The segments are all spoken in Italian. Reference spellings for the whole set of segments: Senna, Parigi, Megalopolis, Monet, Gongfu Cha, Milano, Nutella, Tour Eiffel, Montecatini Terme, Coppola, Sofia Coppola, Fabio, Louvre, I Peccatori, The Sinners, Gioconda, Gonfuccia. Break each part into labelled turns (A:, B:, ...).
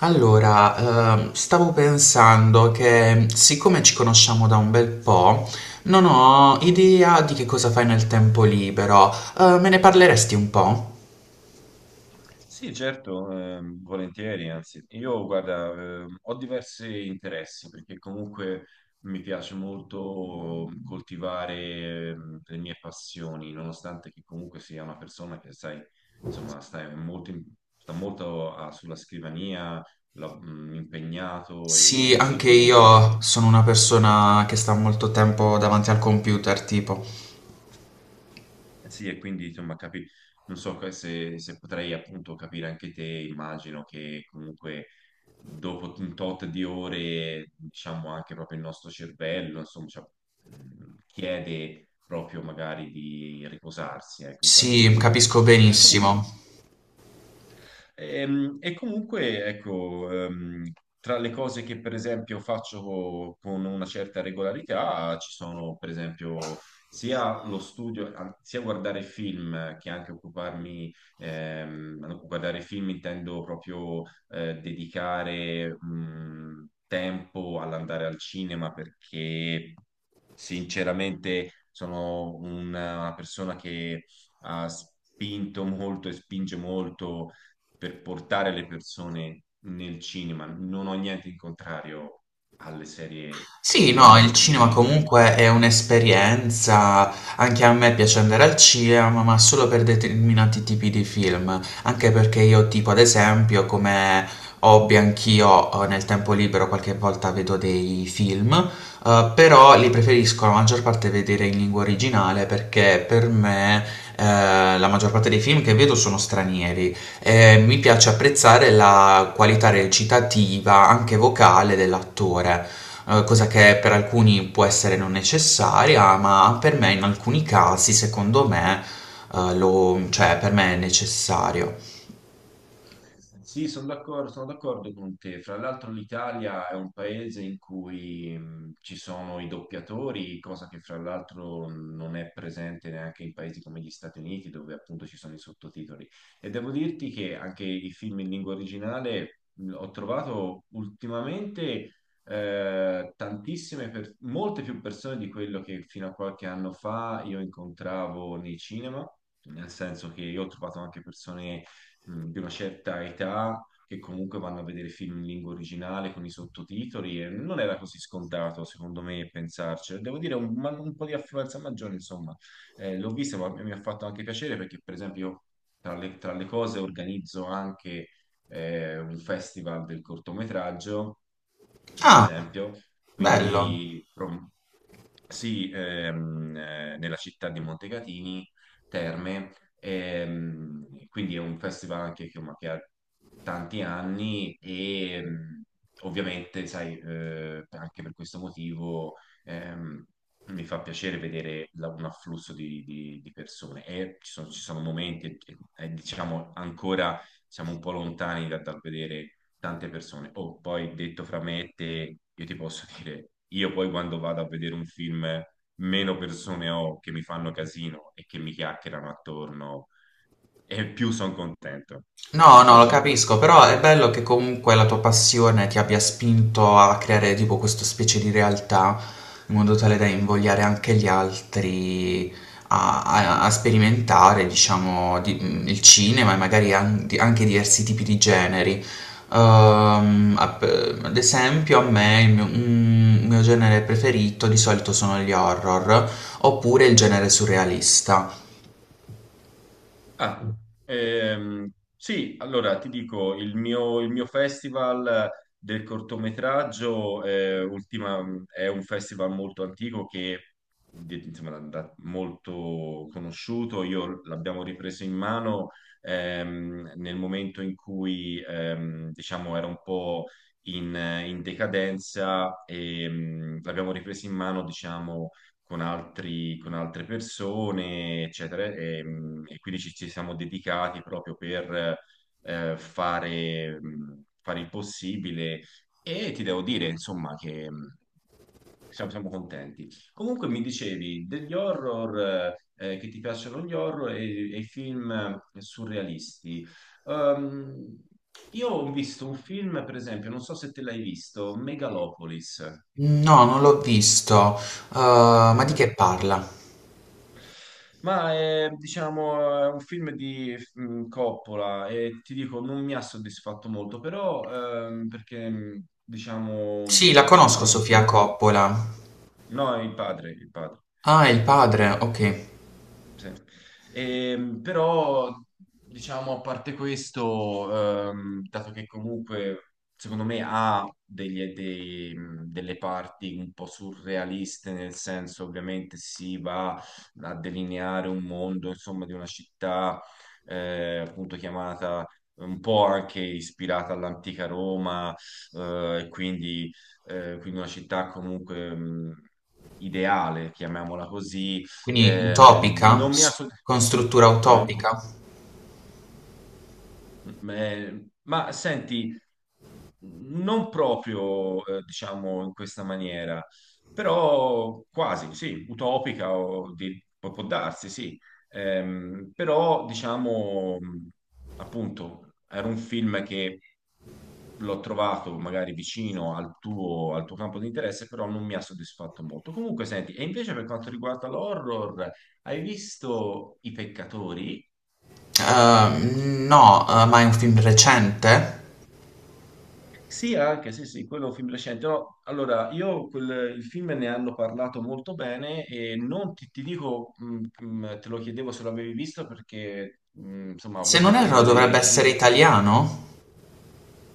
A: Allora, stavo pensando che, siccome ci conosciamo da un bel po', non ho idea di che cosa fai nel tempo libero. Me ne parleresti un po'?
B: Sì, certo, volentieri, anzi, io guarda, ho diversi interessi perché comunque mi piace molto coltivare le mie passioni, nonostante che comunque sia una persona che, sai, insomma, sta sulla scrivania, impegnato e
A: Sì,
B: ci
A: anche
B: dedico molte.
A: io sono una persona che sta molto tempo davanti al computer, tipo.
B: Eh sì, e quindi insomma, non so che se potrei appunto capire anche te. Immagino che comunque dopo un tot di ore, diciamo anche proprio il nostro cervello, insomma, cioè, chiede proprio magari di riposarsi, ecco, in qualche
A: Sì,
B: maniera.
A: capisco
B: E comunque
A: benissimo.
B: Comunque, ecco, tra le cose che per esempio faccio con una certa regolarità ci sono per esempio sia lo studio, sia guardare film che anche occuparmi, no, guardare film intendo proprio dedicare tempo all'andare al cinema, perché sinceramente sono una persona che ha spinto molto e spinge molto per portare le persone nel cinema. Non ho niente in contrario alle serie
A: Sì,
B: TV,
A: no,
B: alle
A: il cinema
B: streaming.
A: comunque è un'esperienza, anche a me piace andare al cinema, ma solo per determinati tipi di film, anche perché io, tipo, ad esempio, come hobby anch'io, nel tempo libero qualche volta vedo dei film, però li preferisco, la maggior parte, vedere in lingua originale, perché per me eh, la maggior parte dei film che vedo sono stranieri. Mi piace apprezzare la qualità recitativa, anche vocale, dell'attore. Eh, cosa che per alcuni può essere non necessaria, ma per me, in alcuni casi, secondo me, cioè, per me è necessario.
B: Sì, sono d'accordo con te. Fra l'altro l'Italia è un paese in cui ci sono i doppiatori, cosa che fra l'altro non è presente neanche in paesi come gli Stati Uniti, dove appunto ci sono i sottotitoli. E devo dirti che anche i film in lingua originale ho trovato ultimamente tantissime, molte più persone di quello che fino a qualche anno fa io incontravo nei cinema, nel senso che io ho trovato anche persone di una certa età che comunque vanno a vedere film in lingua originale con i sottotitoli, e non era così scontato, secondo me, pensarci. Devo dire, un po' di affluenza maggiore, insomma, eh, l'ho vista, ma mi ha fatto anche piacere perché, per esempio, io tra le cose organizzo anche un festival del cortometraggio, ad
A: Ah,
B: esempio,
A: bello.
B: quindi pro- sì, nella città di Montecatini Terme. Quindi è un festival anche che, ma che ha tanti anni, e ovviamente, sai, anche per questo motivo ehm, mi fa piacere vedere un afflusso di persone, e ci sono momenti, diciamo ancora siamo un po' lontani dal vedere tante persone. Oh, poi detto fra me e te, io ti posso dire, io poi quando vado a vedere un film, meno persone ho che mi fanno casino e che mi chiacchierano attorno, e più sono contento. Non
A: No, no,
B: so
A: lo
B: te.
A: capisco, però è bello che comunque la tua passione ti abbia spinto a creare tipo questa specie di realtà, in modo tale da invogliare anche gli altri a, a sperimentare, diciamo, il cinema e magari anche diversi tipi di generi. Ehm, app- Ad esempio, a me il mio, un mio genere preferito di solito sono gli horror, oppure il genere surrealista.
B: Ah, ehm, sì, allora ti dico, il mio festival del cortometraggio, è un festival molto antico che insomma, molto conosciuto, io l'abbiamo ripreso in mano nel momento in cui diciamo era un po' in, in decadenza, e l'abbiamo ripreso in mano diciamo con altre persone, eccetera. E quindi ci, ci siamo dedicati proprio per fare, fare il possibile, e ti devo dire, insomma, che siamo, siamo contenti. Comunque mi dicevi degli horror, che ti piacciono gli horror e i film surrealisti. Ehm, io ho visto un film, per esempio, non so se te l'hai visto, Megalopolis.
A: No, non l'ho visto. Ma di
B: Mm.
A: che parla?
B: Ma è, diciamo, è un film di Coppola, e ti dico, non mi ha soddisfatto molto, però perché,
A: Sì,
B: diciamo,
A: la conosco,
B: insomma,
A: Sofia
B: no,
A: Coppola.
B: no, il padre, il padre.
A: Ah, è il padre, ok.
B: Sì. Però, diciamo, a parte questo, dato che comunque secondo me ha dei delle parti un po' surrealiste, nel senso ovviamente si va a delineare un mondo, insomma, di una città, appunto chiamata un po' anche ispirata all'antica Roma, eh, e quindi, quindi una città comunque ideale, chiamiamola così.
A: Quindi utopica?
B: Non mi ha...
A: S- con struttura
B: Come?
A: utopica?
B: Ma senti, non proprio, diciamo, in questa maniera, però quasi, sì, utopica o può, può darsi, sì. Però, diciamo, appunto, era un film che l'ho trovato magari vicino al tuo campo di interesse, però non mi ha soddisfatto molto. Comunque, senti, e invece per quanto riguarda l'horror, hai visto I Peccatori?
A: No, ma è un film recente?
B: Sì, anche, sì, sì, quello è un film recente. No, allora, io quel, il film ne hanno parlato molto bene, e non ti, ti dico, te lo chiedevo se l'avevi visto perché, insomma, ha
A: Se
B: avuto
A: non erro, dovrebbe
B: delle
A: essere
B: critiche.
A: italiano?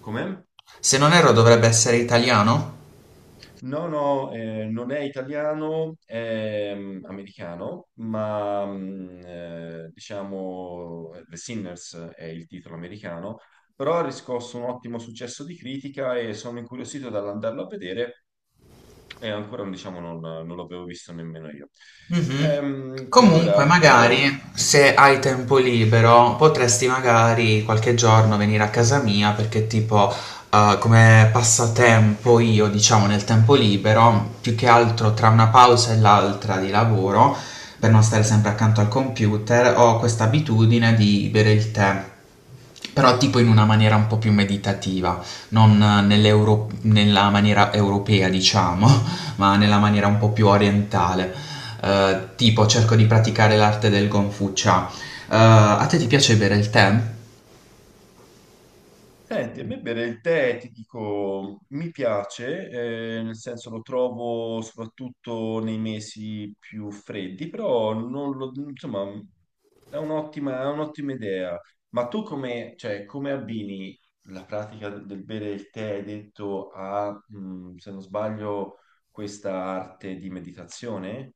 B: Com'è?
A: Se non erro, dovrebbe essere italiano?
B: No, no, non è italiano, è americano, ma diciamo The Sinners è il titolo americano, però ha riscosso un ottimo successo di critica e sono incuriosito dall'andarlo a vedere, e ancora diciamo, non, non l'avevo visto nemmeno io.
A: Mhm. Comunque,
B: Allora, io
A: magari se hai tempo libero, potresti magari qualche giorno venire a casa mia, perché tipo come passatempo io, diciamo, nel tempo libero, più che altro tra una pausa e l'altra di lavoro, per non stare sempre accanto al computer, ho questa abitudine di bere il tè. Però tipo in una maniera un po' più meditativa, non nella maniera europea, diciamo, ma nella maniera un po' più orientale. Tipo cerco di praticare l'arte del Gonfuccia. A te ti piace bere il tè?
B: senti, a me bere il tè, ti dico, mi piace, nel senso lo trovo soprattutto nei mesi più freddi, però non lo- insomma, è un'ottima idea. Ma tu come, cioè, come abbini la pratica del bere il tè, hai detto, a, se non sbaglio, questa arte di meditazione?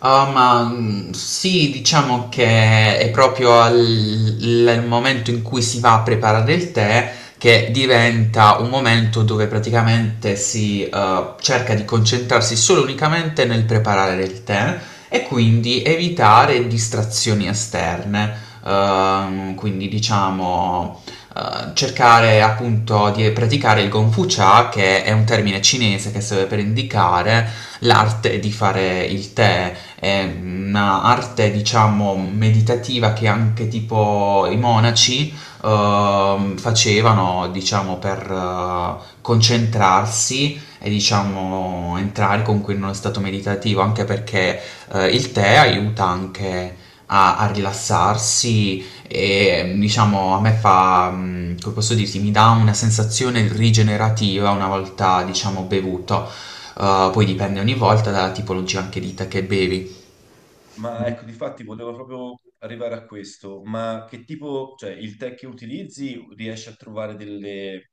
A: Ah, sì, diciamo che è proprio al il momento in cui si va a preparare il tè che diventa un momento dove praticamente si cerca di concentrarsi solo e unicamente nel preparare il tè, e quindi evitare distrazioni esterne. Quindi, diciamo, eh, cercare appunto di praticare il Gongfu Cha, che è un termine cinese che serve per indicare l'arte di fare il tè. È un'arte, diciamo, meditativa, che anche tipo i monaci facevano, diciamo, per concentrarsi e, diciamo, entrare comunque in uno stato meditativo, anche perché il tè aiuta anche a, a rilassarsi, e, diciamo, a me fa, come posso dirti, mi dà una sensazione rigenerativa una volta, diciamo, bevuto. Poi dipende ogni volta dalla tipologia anche di tè che bevi.
B: Ma ecco, difatti volevo proprio arrivare a questo, ma che tipo, cioè il tè che utilizzi riesci a trovare delle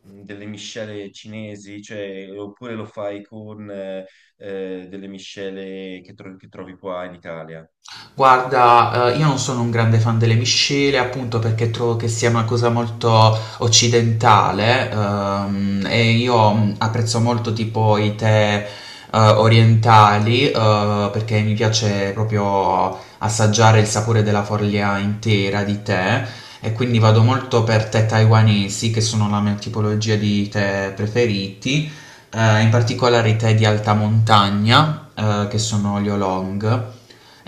B: delle miscele cinesi, cioè, oppure lo fai con delle miscele che, che trovi qua in Italia.
A: Guarda, io non sono un grande fan delle miscele, appunto perché trovo che sia una cosa molto occidentale. E io apprezzo molto tipo i tè, orientali, perché mi piace proprio assaggiare il sapore della foglia intera di tè, e quindi vado molto per tè taiwanesi, che sono la mia tipologia di tè preferiti, in particolare i tè di alta montagna, che sono gli oolong.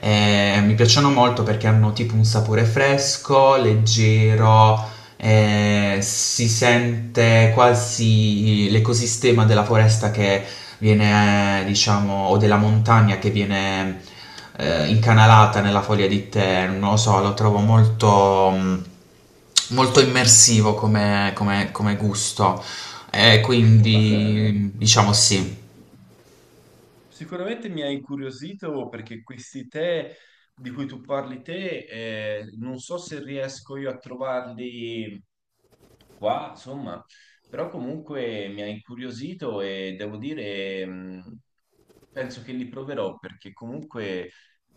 A: E mi piacciono molto perché hanno tipo un sapore fresco, leggero. Si sente quasi l'ecosistema della foresta che viene, diciamo, o della montagna che viene incanalata nella foglia di tè. Non lo so, lo trovo molto, molto immersivo come, come gusto.
B: Ma
A: Quindi, diciamo, sì.
B: sicuramente mi ha incuriosito perché questi tè di cui tu parli te, non so se riesco io a trovarli qua, insomma, però comunque mi ha incuriosito e devo dire, penso che li proverò perché comunque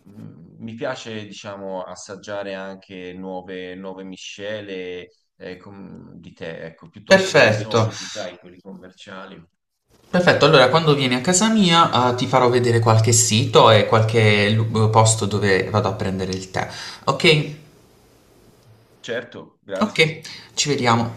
B: mi piace, diciamo, assaggiare anche nuove, nuove miscele di tè, ecco, piuttosto che i
A: Perfetto,
B: soliti, sai, quelli commerciali.
A: perfetto. Allora, quando vieni a casa mia, ti farò vedere qualche sito e qualche posto dove vado a prendere il tè. Ok?
B: Certo, grazie.
A: Ok, ci vediamo.